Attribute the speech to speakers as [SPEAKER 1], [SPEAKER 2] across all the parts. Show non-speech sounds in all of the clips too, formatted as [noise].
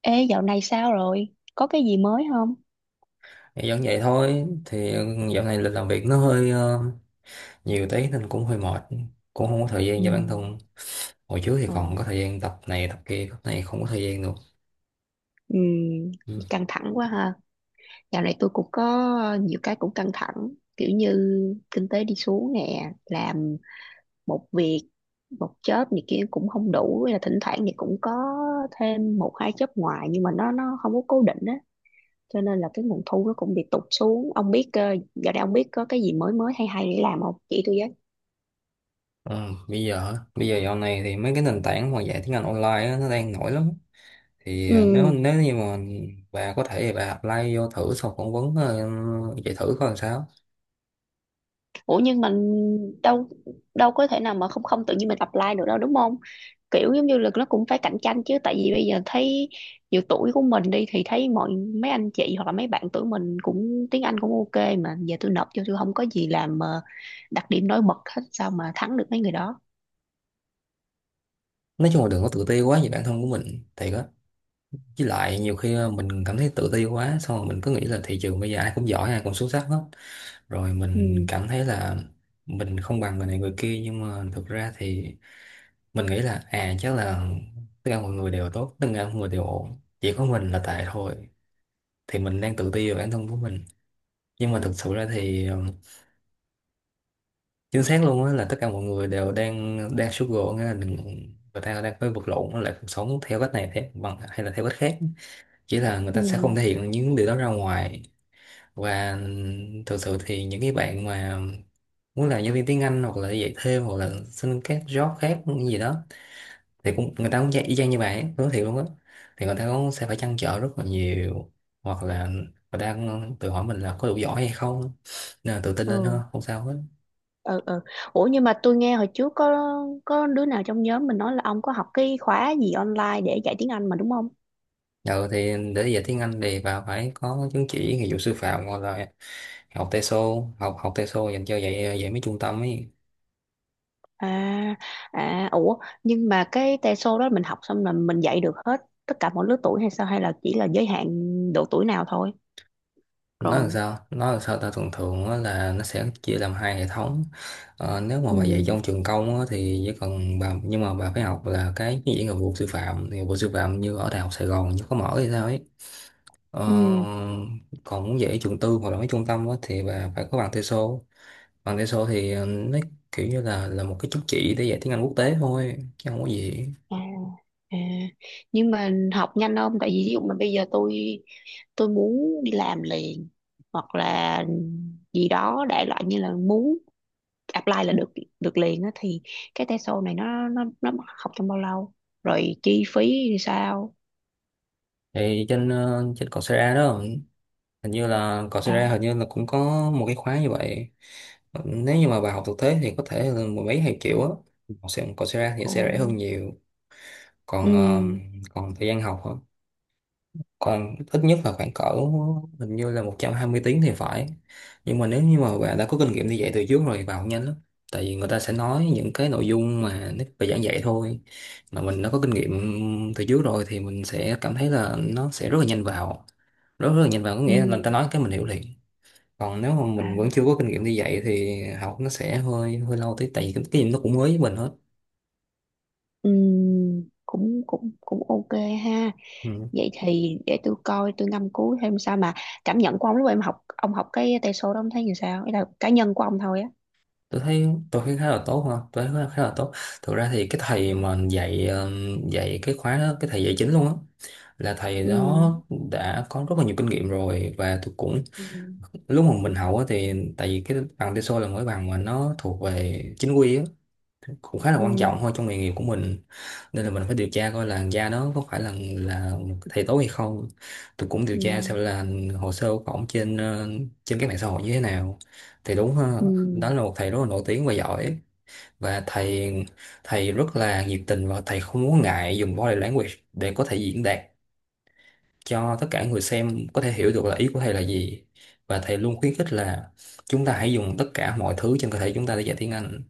[SPEAKER 1] Ê, dạo này sao rồi? Có cái gì mới không?
[SPEAKER 2] Thì vẫn vậy thôi thì dạo này lịch làm việc nó hơi nhiều tí nên cũng hơi mệt, cũng không có thời gian
[SPEAKER 1] Ừ.
[SPEAKER 2] cho bản thân. Hồi trước thì còn
[SPEAKER 1] Ừ.
[SPEAKER 2] có thời gian tập này tập kia, tập này không có thời gian được,
[SPEAKER 1] Ừ,
[SPEAKER 2] ừ.
[SPEAKER 1] căng thẳng quá ha. Dạo này tôi cũng có nhiều cái cũng căng thẳng. Kiểu như kinh tế đi xuống nè, làm một việc, một job này kia cũng không đủ. Hay là thỉnh thoảng thì cũng có thêm một hai job ngoài nhưng mà nó không có cố định á. Cho nên là cái nguồn thu nó cũng bị tụt xuống. Ông biết, dạo này ông biết có cái gì mới mới hay hay để làm không? Chỉ tôi với.
[SPEAKER 2] Ừ, bây giờ hả? Bây giờ dạo này thì mấy cái nền tảng mà dạy tiếng Anh online á, nó đang nổi lắm, thì nếu
[SPEAKER 1] Ừ,
[SPEAKER 2] nếu như mà bà có thể thì bà apply vô thử, sau phỏng vấn chạy thử coi làm sao.
[SPEAKER 1] ủa nhưng mình đâu đâu có thể nào mà không không tự nhiên mình apply được đâu đúng không? Kiểu giống như là nó cũng phải cạnh tranh chứ, tại vì bây giờ thấy nhiều tuổi của mình đi thì thấy mấy anh chị hoặc là mấy bạn tuổi mình cũng tiếng Anh cũng ok, mà giờ tôi nộp cho tôi không có gì làm đặc điểm nổi bật hết, sao mà thắng được mấy người đó?
[SPEAKER 2] Nói chung là đừng có tự ti quá về bản thân của mình thì. Với lại nhiều khi mình cảm thấy tự ti quá, xong rồi mình cứ nghĩ là thị trường bây giờ ai cũng giỏi, ai cũng xuất sắc hết, rồi mình
[SPEAKER 1] ừ
[SPEAKER 2] cảm thấy là mình không bằng người này người kia, nhưng mà thực ra thì mình nghĩ là à chắc là tất cả mọi người đều tốt, tất cả mọi người đều ổn, chỉ có mình là tệ thôi, thì mình đang tự ti về bản thân của mình. Nhưng mà thực sự ra thì chính xác luôn á là tất cả mọi người đều đang đang struggle, nghĩa là người ta đang phải vật lộn với lại cuộc sống theo cách này thế bằng hay là theo cách khác, chỉ là người
[SPEAKER 1] ừ
[SPEAKER 2] ta sẽ không thể hiện những điều đó ra ngoài. Và thực sự thì những cái bạn mà muốn làm giáo viên tiếng Anh hoặc là dạy thêm hoặc là xin các job khác gì đó thì cũng, người ta cũng dạy y chang như vậy, nói thiệt luôn á, thì người ta cũng sẽ phải trăn trở rất là nhiều, hoặc là người ta cũng tự hỏi mình là có đủ giỏi hay không, nên là tự tin lên
[SPEAKER 1] ừ
[SPEAKER 2] thôi, không sao hết.
[SPEAKER 1] ừ ừ. Ủa nhưng mà tôi nghe hồi trước có đứa nào trong nhóm mình nói là ông có học cái khóa gì online để dạy tiếng Anh mà đúng không?
[SPEAKER 2] Rồi thì để dạy tiếng Anh thì bà phải có chứng chỉ nghiệp vụ sư phạm, hoặc là học TESOL, học học TESOL dành cho dạy dạy mấy trung tâm ấy.
[SPEAKER 1] À, à, ủa, nhưng mà cái teso đó mình học xong là mình dạy được hết tất cả mọi lứa tuổi hay sao? Hay là chỉ là giới hạn độ tuổi nào thôi?
[SPEAKER 2] nó làm
[SPEAKER 1] Rồi.
[SPEAKER 2] sao nó làm sao ta thường thường á là nó sẽ chia làm hai hệ thống. Nếu mà
[SPEAKER 1] Ừ.
[SPEAKER 2] bà dạy trong trường công á, thì chỉ cần bà, nhưng mà bà phải học là cái dạy nghiệp vụ sư phạm, thì nghiệp vụ sư phạm như ở đại học Sài Gòn chứ có mở hay sao ấy, ờ,
[SPEAKER 1] Ừ.
[SPEAKER 2] còn muốn dạy trường tư hoặc là mấy trung tâm á, thì bà phải có bằng TESOL. Bằng TESOL thì nó kiểu như là một cái chứng chỉ để dạy tiếng Anh quốc tế thôi chứ không có gì.
[SPEAKER 1] À, à. Nhưng mà học nhanh không? Tại vì ví dụ mà bây giờ tôi muốn đi làm liền, hoặc là gì đó đại loại như là muốn apply là được được liền á, thì cái teso này nó học trong bao lâu? Rồi chi phí thì sao?
[SPEAKER 2] Thì trên trên Coursera đó hình như là còn sinh
[SPEAKER 1] À,
[SPEAKER 2] ra, hình như là cũng có một cái khóa như vậy. Nếu như mà bà học thực tế thì có thể là mười mấy hai triệu á, còn sinh ra thì
[SPEAKER 1] ồ.
[SPEAKER 2] sẽ rẻ hơn nhiều.
[SPEAKER 1] Ừ.
[SPEAKER 2] Còn còn thời gian học hả? Còn ít nhất là khoảng cỡ hình như là 120 tiếng thì phải. Nhưng mà nếu như mà bạn đã có kinh nghiệm đi dạy từ trước rồi vào nhanh lắm, tại vì người ta sẽ nói những cái nội dung mà nếu bài giảng dạy thôi, mà mình đã có kinh nghiệm từ trước rồi thì mình sẽ cảm thấy là nó sẽ rất là nhanh vào, rất rất là nhanh vào, có
[SPEAKER 1] Ừ.
[SPEAKER 2] nghĩa là người ta nói cái mình hiểu liền. Còn nếu mà
[SPEAKER 1] Và
[SPEAKER 2] mình vẫn chưa có kinh nghiệm đi dạy thì học nó sẽ hơi hơi lâu tí, tại vì cái gì nó cũng mới với mình hết,
[SPEAKER 1] Cũng cũng cũng ok ha.
[SPEAKER 2] ừ.
[SPEAKER 1] Vậy thì để tôi coi, tôi ngâm cứu thêm. Sao mà cảm nhận của ông lúc em học, ông học cái tay số đó, ông thấy như sao? Ý là cá nhân của ông thôi á.
[SPEAKER 2] Tôi thấy khá là tốt ha, tôi thấy khá khá là tốt. Thực ra thì cái thầy mà dạy dạy cái khóa đó, cái thầy dạy chính luôn á, là thầy
[SPEAKER 1] Ừ.
[SPEAKER 2] đó đã có rất là nhiều kinh nghiệm rồi, và tôi cũng
[SPEAKER 1] Ừ.
[SPEAKER 2] lúc mà mình học á thì tại vì cái bằng TESOL là mỗi bằng mà nó thuộc về chính quy á, cũng khá là quan trọng
[SPEAKER 1] Ừ.
[SPEAKER 2] thôi trong nghề nghiệp của mình, nên là mình phải điều tra coi là da đó có phải là thầy tố hay không. Tôi cũng điều
[SPEAKER 1] Ừ.
[SPEAKER 2] tra xem là hồ sơ của ổng trên trên các mạng xã hội như thế nào, thì đúng ha,
[SPEAKER 1] Ừ.
[SPEAKER 2] đó là một thầy rất là nổi tiếng và giỏi. Và thầy thầy rất là nhiệt tình và thầy không muốn ngại dùng body language để có thể diễn đạt cho tất cả người xem có thể hiểu được là ý của thầy là gì. Và thầy luôn khuyến khích là chúng ta hãy dùng tất cả mọi thứ trên cơ thể chúng ta để dạy tiếng Anh.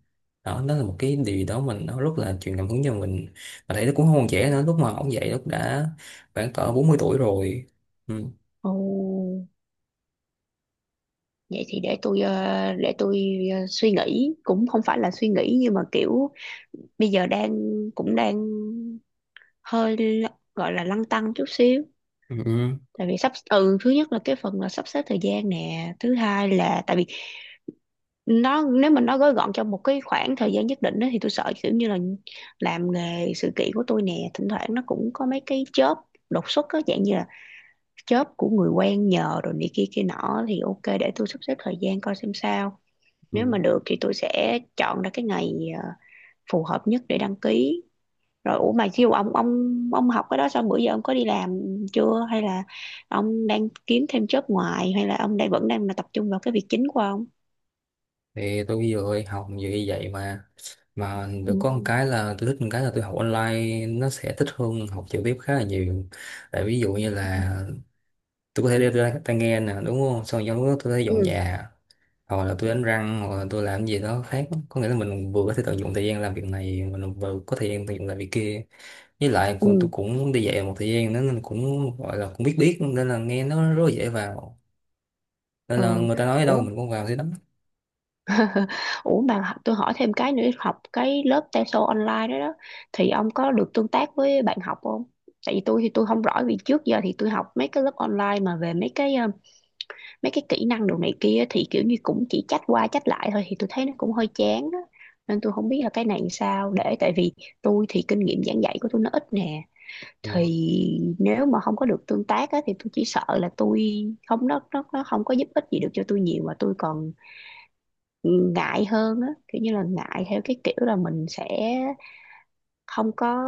[SPEAKER 2] Đó Đó là một cái điều gì đó mình nó rất là truyền cảm hứng cho mình. Mà thầy nó cũng không còn trẻ nữa, lúc mà ông dạy lúc đã khoảng cỡ 40 tuổi rồi, ừ.
[SPEAKER 1] Ồ, vậy thì để tôi để tôi suy nghĩ, cũng không phải là suy nghĩ nhưng mà kiểu bây giờ đang cũng đang hơi gọi là lăn tăn chút xíu.
[SPEAKER 2] Ừ. Ừ,
[SPEAKER 1] Tại vì sắp thứ nhất là cái phần là sắp xếp thời gian nè, thứ hai là tại vì nó, nếu mà nó gói gọn trong một cái khoảng thời gian nhất định đó, thì tôi sợ kiểu như là làm nghề sự kiện của tôi nè, thỉnh thoảng nó cũng có mấy cái chớp đột xuất á, dạng như là chớp của người quen nhờ rồi này kia kia nọ. Thì ok, để tôi sắp xếp thời gian coi xem sao.
[SPEAKER 2] ừ.
[SPEAKER 1] Nếu mà được thì tôi sẽ chọn ra cái ngày ờ, phù hợp nhất để đăng ký. Rồi ủa mà chiêu ông, ông học cái đó xong bữa giờ ông có đi làm chưa, hay là ông đang kiếm thêm job ngoài, hay là ông đang vẫn đang là tập trung vào cái việc chính của ông?
[SPEAKER 2] Thì tôi vừa học như vậy mà
[SPEAKER 1] Ừ.
[SPEAKER 2] được có một cái là tôi thích một cái là tôi học online nó sẽ thích hơn học trực tiếp khá là nhiều, tại ví dụ như
[SPEAKER 1] Ừ.
[SPEAKER 2] là tôi có thể đeo tai tai nghe nè, đúng không, xong trong lúc đó tôi có thể dọn
[SPEAKER 1] Ừ.
[SPEAKER 2] nhà, hoặc là tôi đánh răng, hoặc là tôi làm gì đó khác, có nghĩa là mình vừa có thể tận dụng thời gian làm việc này, mình vừa có thời gian tận dụng làm việc kia. Với lại con
[SPEAKER 1] Ừ.
[SPEAKER 2] tôi cũng đi dạy một thời gian nữa nên cũng gọi là cũng biết biết, nên là nghe nó rất là dễ vào, nên là
[SPEAKER 1] Ừ.
[SPEAKER 2] người ta nói ở đâu
[SPEAKER 1] Ủa.
[SPEAKER 2] mình cũng vào thế đó.
[SPEAKER 1] [laughs] Ủa mà tôi hỏi thêm cái nữa, học cái lớp TESOL online đó đó, thì ông có được tương tác với bạn học không? Tại vì tôi thì tôi không rõ, vì trước giờ thì tôi học mấy cái lớp online mà về mấy cái mấy cái kỹ năng đồ này kia, thì kiểu như cũng chỉ trách qua trách lại thôi, thì tôi thấy nó cũng hơi chán á. Nên tôi không biết là cái này làm sao, để tại vì tôi thì kinh nghiệm giảng dạy của tôi nó ít nè, thì nếu mà không có được tương tác á, thì tôi chỉ sợ là tôi không, nó không có giúp ích gì được cho tôi nhiều, mà tôi còn ngại hơn á, kiểu như là ngại theo cái kiểu là mình sẽ không có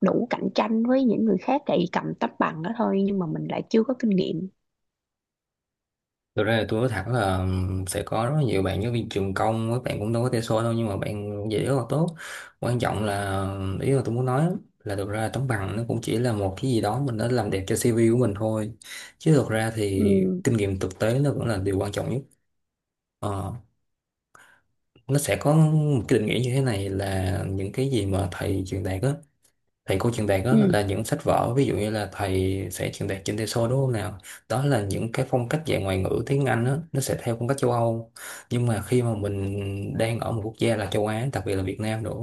[SPEAKER 1] đủ cạnh tranh với những người khác, tại vì cầm tấm bằng đó thôi nhưng mà mình lại chưa có kinh nghiệm.
[SPEAKER 2] Thực ra là tôi nói thẳng là sẽ có rất là nhiều bạn giáo viên trường công, các bạn cũng đâu có thể so đâu, nhưng mà bạn dễ rất là tốt. Quan trọng là, ý là tôi muốn nói là thực ra tấm bằng nó cũng chỉ là một cái gì đó mình đã làm đẹp cho CV của mình thôi, chứ thực ra thì
[SPEAKER 1] Ừ.
[SPEAKER 2] kinh nghiệm thực tế nó vẫn là điều quan trọng nhất. Ờ, nó sẽ có một cái định nghĩa như thế này là những cái gì mà thầy truyền đạt á, thầy cô truyền đạt đó
[SPEAKER 1] Ừ.
[SPEAKER 2] là những sách vở, ví dụ như là thầy sẽ truyền đạt trên TESOL đúng không nào, đó là những cái phong cách dạy ngoại ngữ tiếng Anh đó, nó sẽ theo phong cách châu Âu. Nhưng mà khi mà mình đang ở một quốc gia là châu Á, đặc biệt là Việt Nam nữa,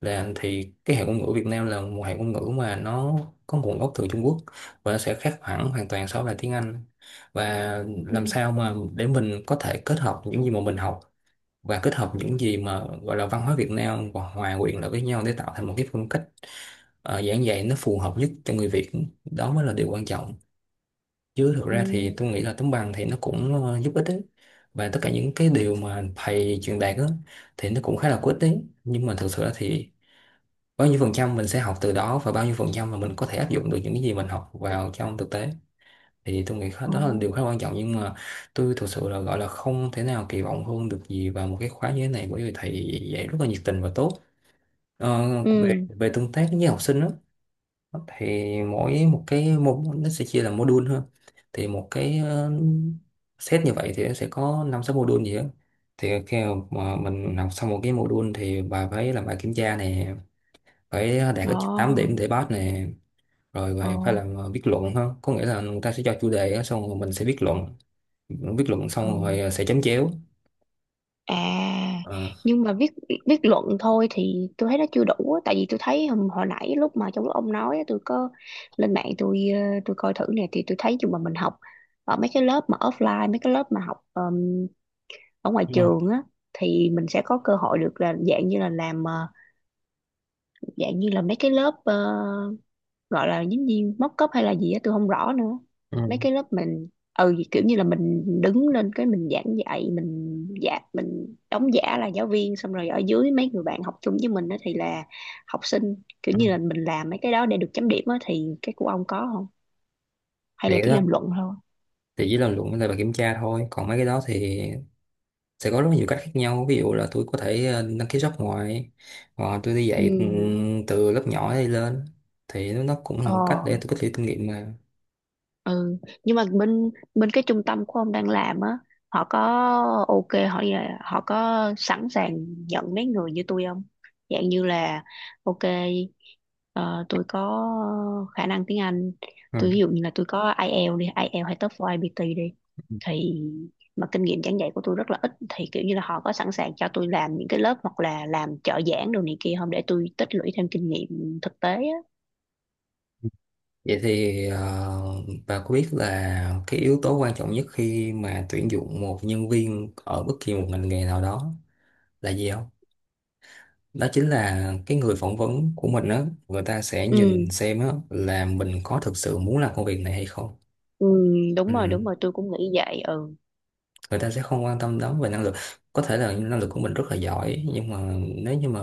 [SPEAKER 2] thì cái hệ ngôn ngữ Việt Nam là một hệ ngôn ngữ mà nó có nguồn gốc từ Trung Quốc, và nó sẽ khác hẳn hoàn toàn so với lại tiếng Anh. Và
[SPEAKER 1] Ừ.
[SPEAKER 2] làm sao mà để mình có thể kết hợp những gì mà mình học và kết hợp những gì mà gọi là văn hóa Việt Nam và hòa quyện lại với nhau để tạo thành một cái phong cách giảng dạy nó phù hợp nhất cho người Việt, đó mới là điều quan trọng. Chứ thực
[SPEAKER 1] Ừ.
[SPEAKER 2] ra thì tôi nghĩ là tấm bằng thì nó cũng giúp ích đấy, và tất cả những cái điều mà thầy truyền đạt á, thì nó cũng khá là có ích đấy. Nhưng mà thực sự là thì bao nhiêu phần trăm mình sẽ học từ đó và bao nhiêu phần trăm mà mình có thể áp dụng được những cái gì mình học vào trong thực tế thì tôi nghĩ
[SPEAKER 1] Ồ.
[SPEAKER 2] đó là điều khá quan trọng, nhưng mà tôi thực sự là gọi là không thể nào kỳ vọng hơn được gì vào một cái khóa như thế này, bởi vì thầy dạy rất là nhiệt tình và tốt. Ờ, về
[SPEAKER 1] Ừ.
[SPEAKER 2] về tương tác với học sinh đó, thì mỗi một cái nó sẽ chia làm module hơn, thì một cái set như vậy thì nó sẽ có năm sáu module gì đó. Thì khi mà mình học xong một cái module thì bà phải làm bài kiểm tra này, phải đạt ít nhất 8 điểm
[SPEAKER 1] Ồ.
[SPEAKER 2] để pass này, rồi bà
[SPEAKER 1] Ồ.
[SPEAKER 2] phải làm viết luận hơn, có nghĩa là người ta sẽ cho chủ đề á, xong rồi mình sẽ viết luận, viết luận xong
[SPEAKER 1] Ừ.
[SPEAKER 2] rồi sẽ chấm chéo.
[SPEAKER 1] À.
[SPEAKER 2] Ờ.
[SPEAKER 1] Nhưng mà viết viết luận thôi thì tôi thấy nó chưa đủ á. Tại vì tôi thấy hồi nãy lúc mà trong lúc ông nói á, tôi có lên mạng tôi tôi coi thử nè, thì tôi thấy dù mà mình học ở mấy cái lớp mà offline, mấy cái lớp mà học ở ngoài
[SPEAKER 2] Ừ,
[SPEAKER 1] trường á, thì mình sẽ có cơ hội được là dạng như là làm dạng như là mấy cái lớp gọi là giống như móc cóp hay là gì á tôi không rõ nữa. Mấy
[SPEAKER 2] ừ,
[SPEAKER 1] cái lớp mình ừ, kiểu như là mình đứng lên cái mình giảng dạy, mình giả, mình đóng giả là giáo viên, xong rồi ở dưới mấy người bạn học chung với mình đó thì là học sinh, kiểu
[SPEAKER 2] ừ.
[SPEAKER 1] như là mình làm mấy cái đó để được chấm điểm á, thì cái của ông có không, hay
[SPEAKER 2] Thì
[SPEAKER 1] là
[SPEAKER 2] cái
[SPEAKER 1] chỉ
[SPEAKER 2] đó
[SPEAKER 1] làm luận thôi?
[SPEAKER 2] thì chỉ làm luận với lại bài kiểm tra thôi, còn mấy cái đó thì sẽ có rất nhiều cách khác nhau, ví dụ là tôi có thể đăng ký job ngoài, hoặc là tôi đi
[SPEAKER 1] Ừ.
[SPEAKER 2] dạy từ lớp nhỏ đi lên, thì nó cũng là
[SPEAKER 1] Ờ.
[SPEAKER 2] một cách để tôi có thể kinh nghiệm mà,
[SPEAKER 1] Ừ, nhưng mà bên bên cái trung tâm của ông đang làm á, họ có ok, họ họ có sẵn sàng nhận mấy người như tôi không, dạng như là ok ờ, tôi có khả năng tiếng Anh, tôi ví
[SPEAKER 2] ừ.
[SPEAKER 1] dụ như là tôi có IELTS đi, IELTS hay TOEFL IBT đi, thì mà kinh nghiệm giảng dạy của tôi rất là ít, thì kiểu như là họ có sẵn sàng cho tôi làm những cái lớp hoặc là làm trợ giảng đồ này kia không, để tôi tích lũy thêm kinh nghiệm thực tế á?
[SPEAKER 2] Vậy thì bà có biết là cái yếu tố quan trọng nhất khi mà tuyển dụng một nhân viên ở bất kỳ một ngành nghề nào đó là gì không? Đó chính là cái người phỏng vấn của mình á, người ta sẽ
[SPEAKER 1] Ừ.
[SPEAKER 2] nhìn xem á là mình có thực sự muốn làm công việc này hay không.
[SPEAKER 1] Ừ. Đúng rồi, đúng
[SPEAKER 2] Ừ.
[SPEAKER 1] rồi, tôi cũng nghĩ vậy. Ừ.
[SPEAKER 2] Người ta sẽ không quan tâm lắm về năng lực, có thể là năng lực của mình rất là giỏi nhưng mà nếu như mà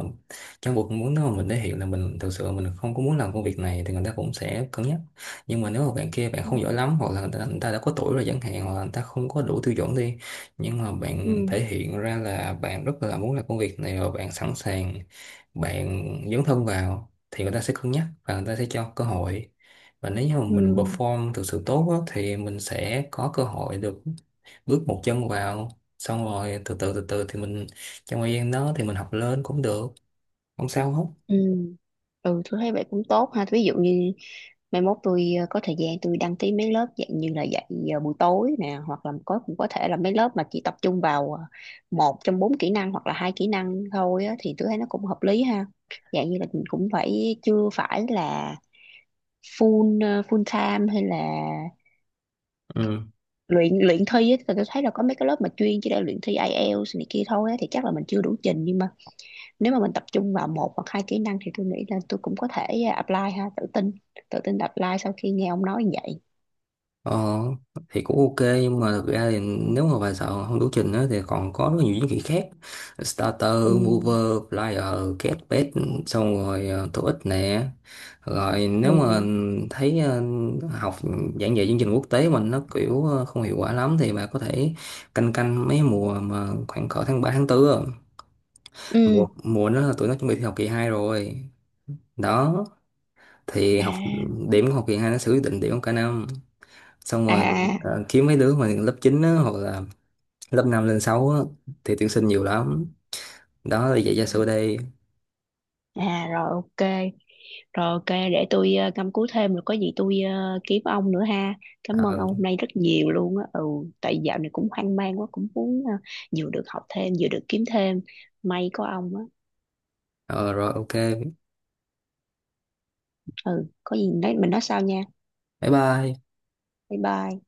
[SPEAKER 2] trong cuộc muốn nếu mà mình thể hiện là mình thực sự mình không có muốn làm công việc này thì người ta cũng sẽ cân nhắc. Nhưng mà nếu mà bạn kia bạn
[SPEAKER 1] Ừ.
[SPEAKER 2] không giỏi lắm, hoặc là người ta đã có tuổi rồi chẳng hạn, hoặc là người ta không có đủ tiêu chuẩn đi, nhưng mà bạn
[SPEAKER 1] Ừ.
[SPEAKER 2] thể hiện ra là bạn rất là muốn làm công việc này và bạn sẵn sàng, bạn dấn thân vào, thì người ta sẽ cân nhắc và người ta sẽ cho cơ hội. Và nếu như mà
[SPEAKER 1] Ừ.
[SPEAKER 2] mình perform thực sự tốt á, thì mình sẽ có cơ hội được bước một chân vào, xong rồi từ từ thì mình trong thời gian đó thì mình học lên cũng được, không sao hết.
[SPEAKER 1] Ừ. Ừ, tôi thấy vậy cũng tốt ha. Ví dụ như mai mốt tôi có thời gian tôi đăng ký mấy lớp dạng như là dạy buổi tối nè, hoặc là có cũng có thể là mấy lớp mà chỉ tập trung vào một trong bốn kỹ năng hoặc là hai kỹ năng thôi á, thì tôi thấy nó cũng hợp lý ha. Dạng như là mình cũng phải chưa phải là full full time, hay là
[SPEAKER 2] Ừ.
[SPEAKER 1] luyện luyện thi á. Tại tôi thấy là có mấy cái lớp mà chuyên chỉ để luyện thi IELTS này kia thôi á, thì chắc là mình chưa đủ trình, nhưng mà nếu mà mình tập trung vào một hoặc hai kỹ năng thì tôi nghĩ là tôi cũng có thể à, apply ha. Tự tin apply sau khi nghe ông nói như vậy.
[SPEAKER 2] Ờ, thì cũng ok, nhưng mà thực ra thì nếu mà bài sợ không đủ trình á thì còn có rất nhiều chứng chỉ khác: starter,
[SPEAKER 1] Ừ.
[SPEAKER 2] mover, flyer, get bed, xong rồi TOEIC nè. Rồi nếu mà
[SPEAKER 1] Ừ.
[SPEAKER 2] thấy học giảng dạy chương trình quốc tế mình nó kiểu không hiệu quả lắm thì bà có thể canh canh mấy mùa mà khoảng cỡ tháng 3 tháng 4,
[SPEAKER 1] Ừ.
[SPEAKER 2] mùa mùa nó là tụi nó chuẩn bị thi học kỳ 2 rồi, đó, thì
[SPEAKER 1] À.
[SPEAKER 2] điểm của học kỳ 2 nó sẽ quyết định điểm của cả năm, xong rồi
[SPEAKER 1] À.
[SPEAKER 2] kiếm mấy đứa mà lớp 9 á, hoặc là lớp 5 lên 6 á, thì tuyển sinh nhiều lắm. Đó là vậy, gia sư đây.
[SPEAKER 1] À, rồi ok. Rồi ok, để tôi căm cú thêm, rồi có gì tôi kiếm ông nữa ha. Cảm ơn
[SPEAKER 2] Ờ,
[SPEAKER 1] ông hôm nay rất nhiều luôn á. Ừ, tại dạo này cũng hoang mang quá, cũng muốn vừa được học thêm vừa được kiếm thêm, may có ông á.
[SPEAKER 2] ờ, rồi ok,
[SPEAKER 1] Ừ, có gì nói mình nói sau nha.
[SPEAKER 2] bye bye.
[SPEAKER 1] Bye bye.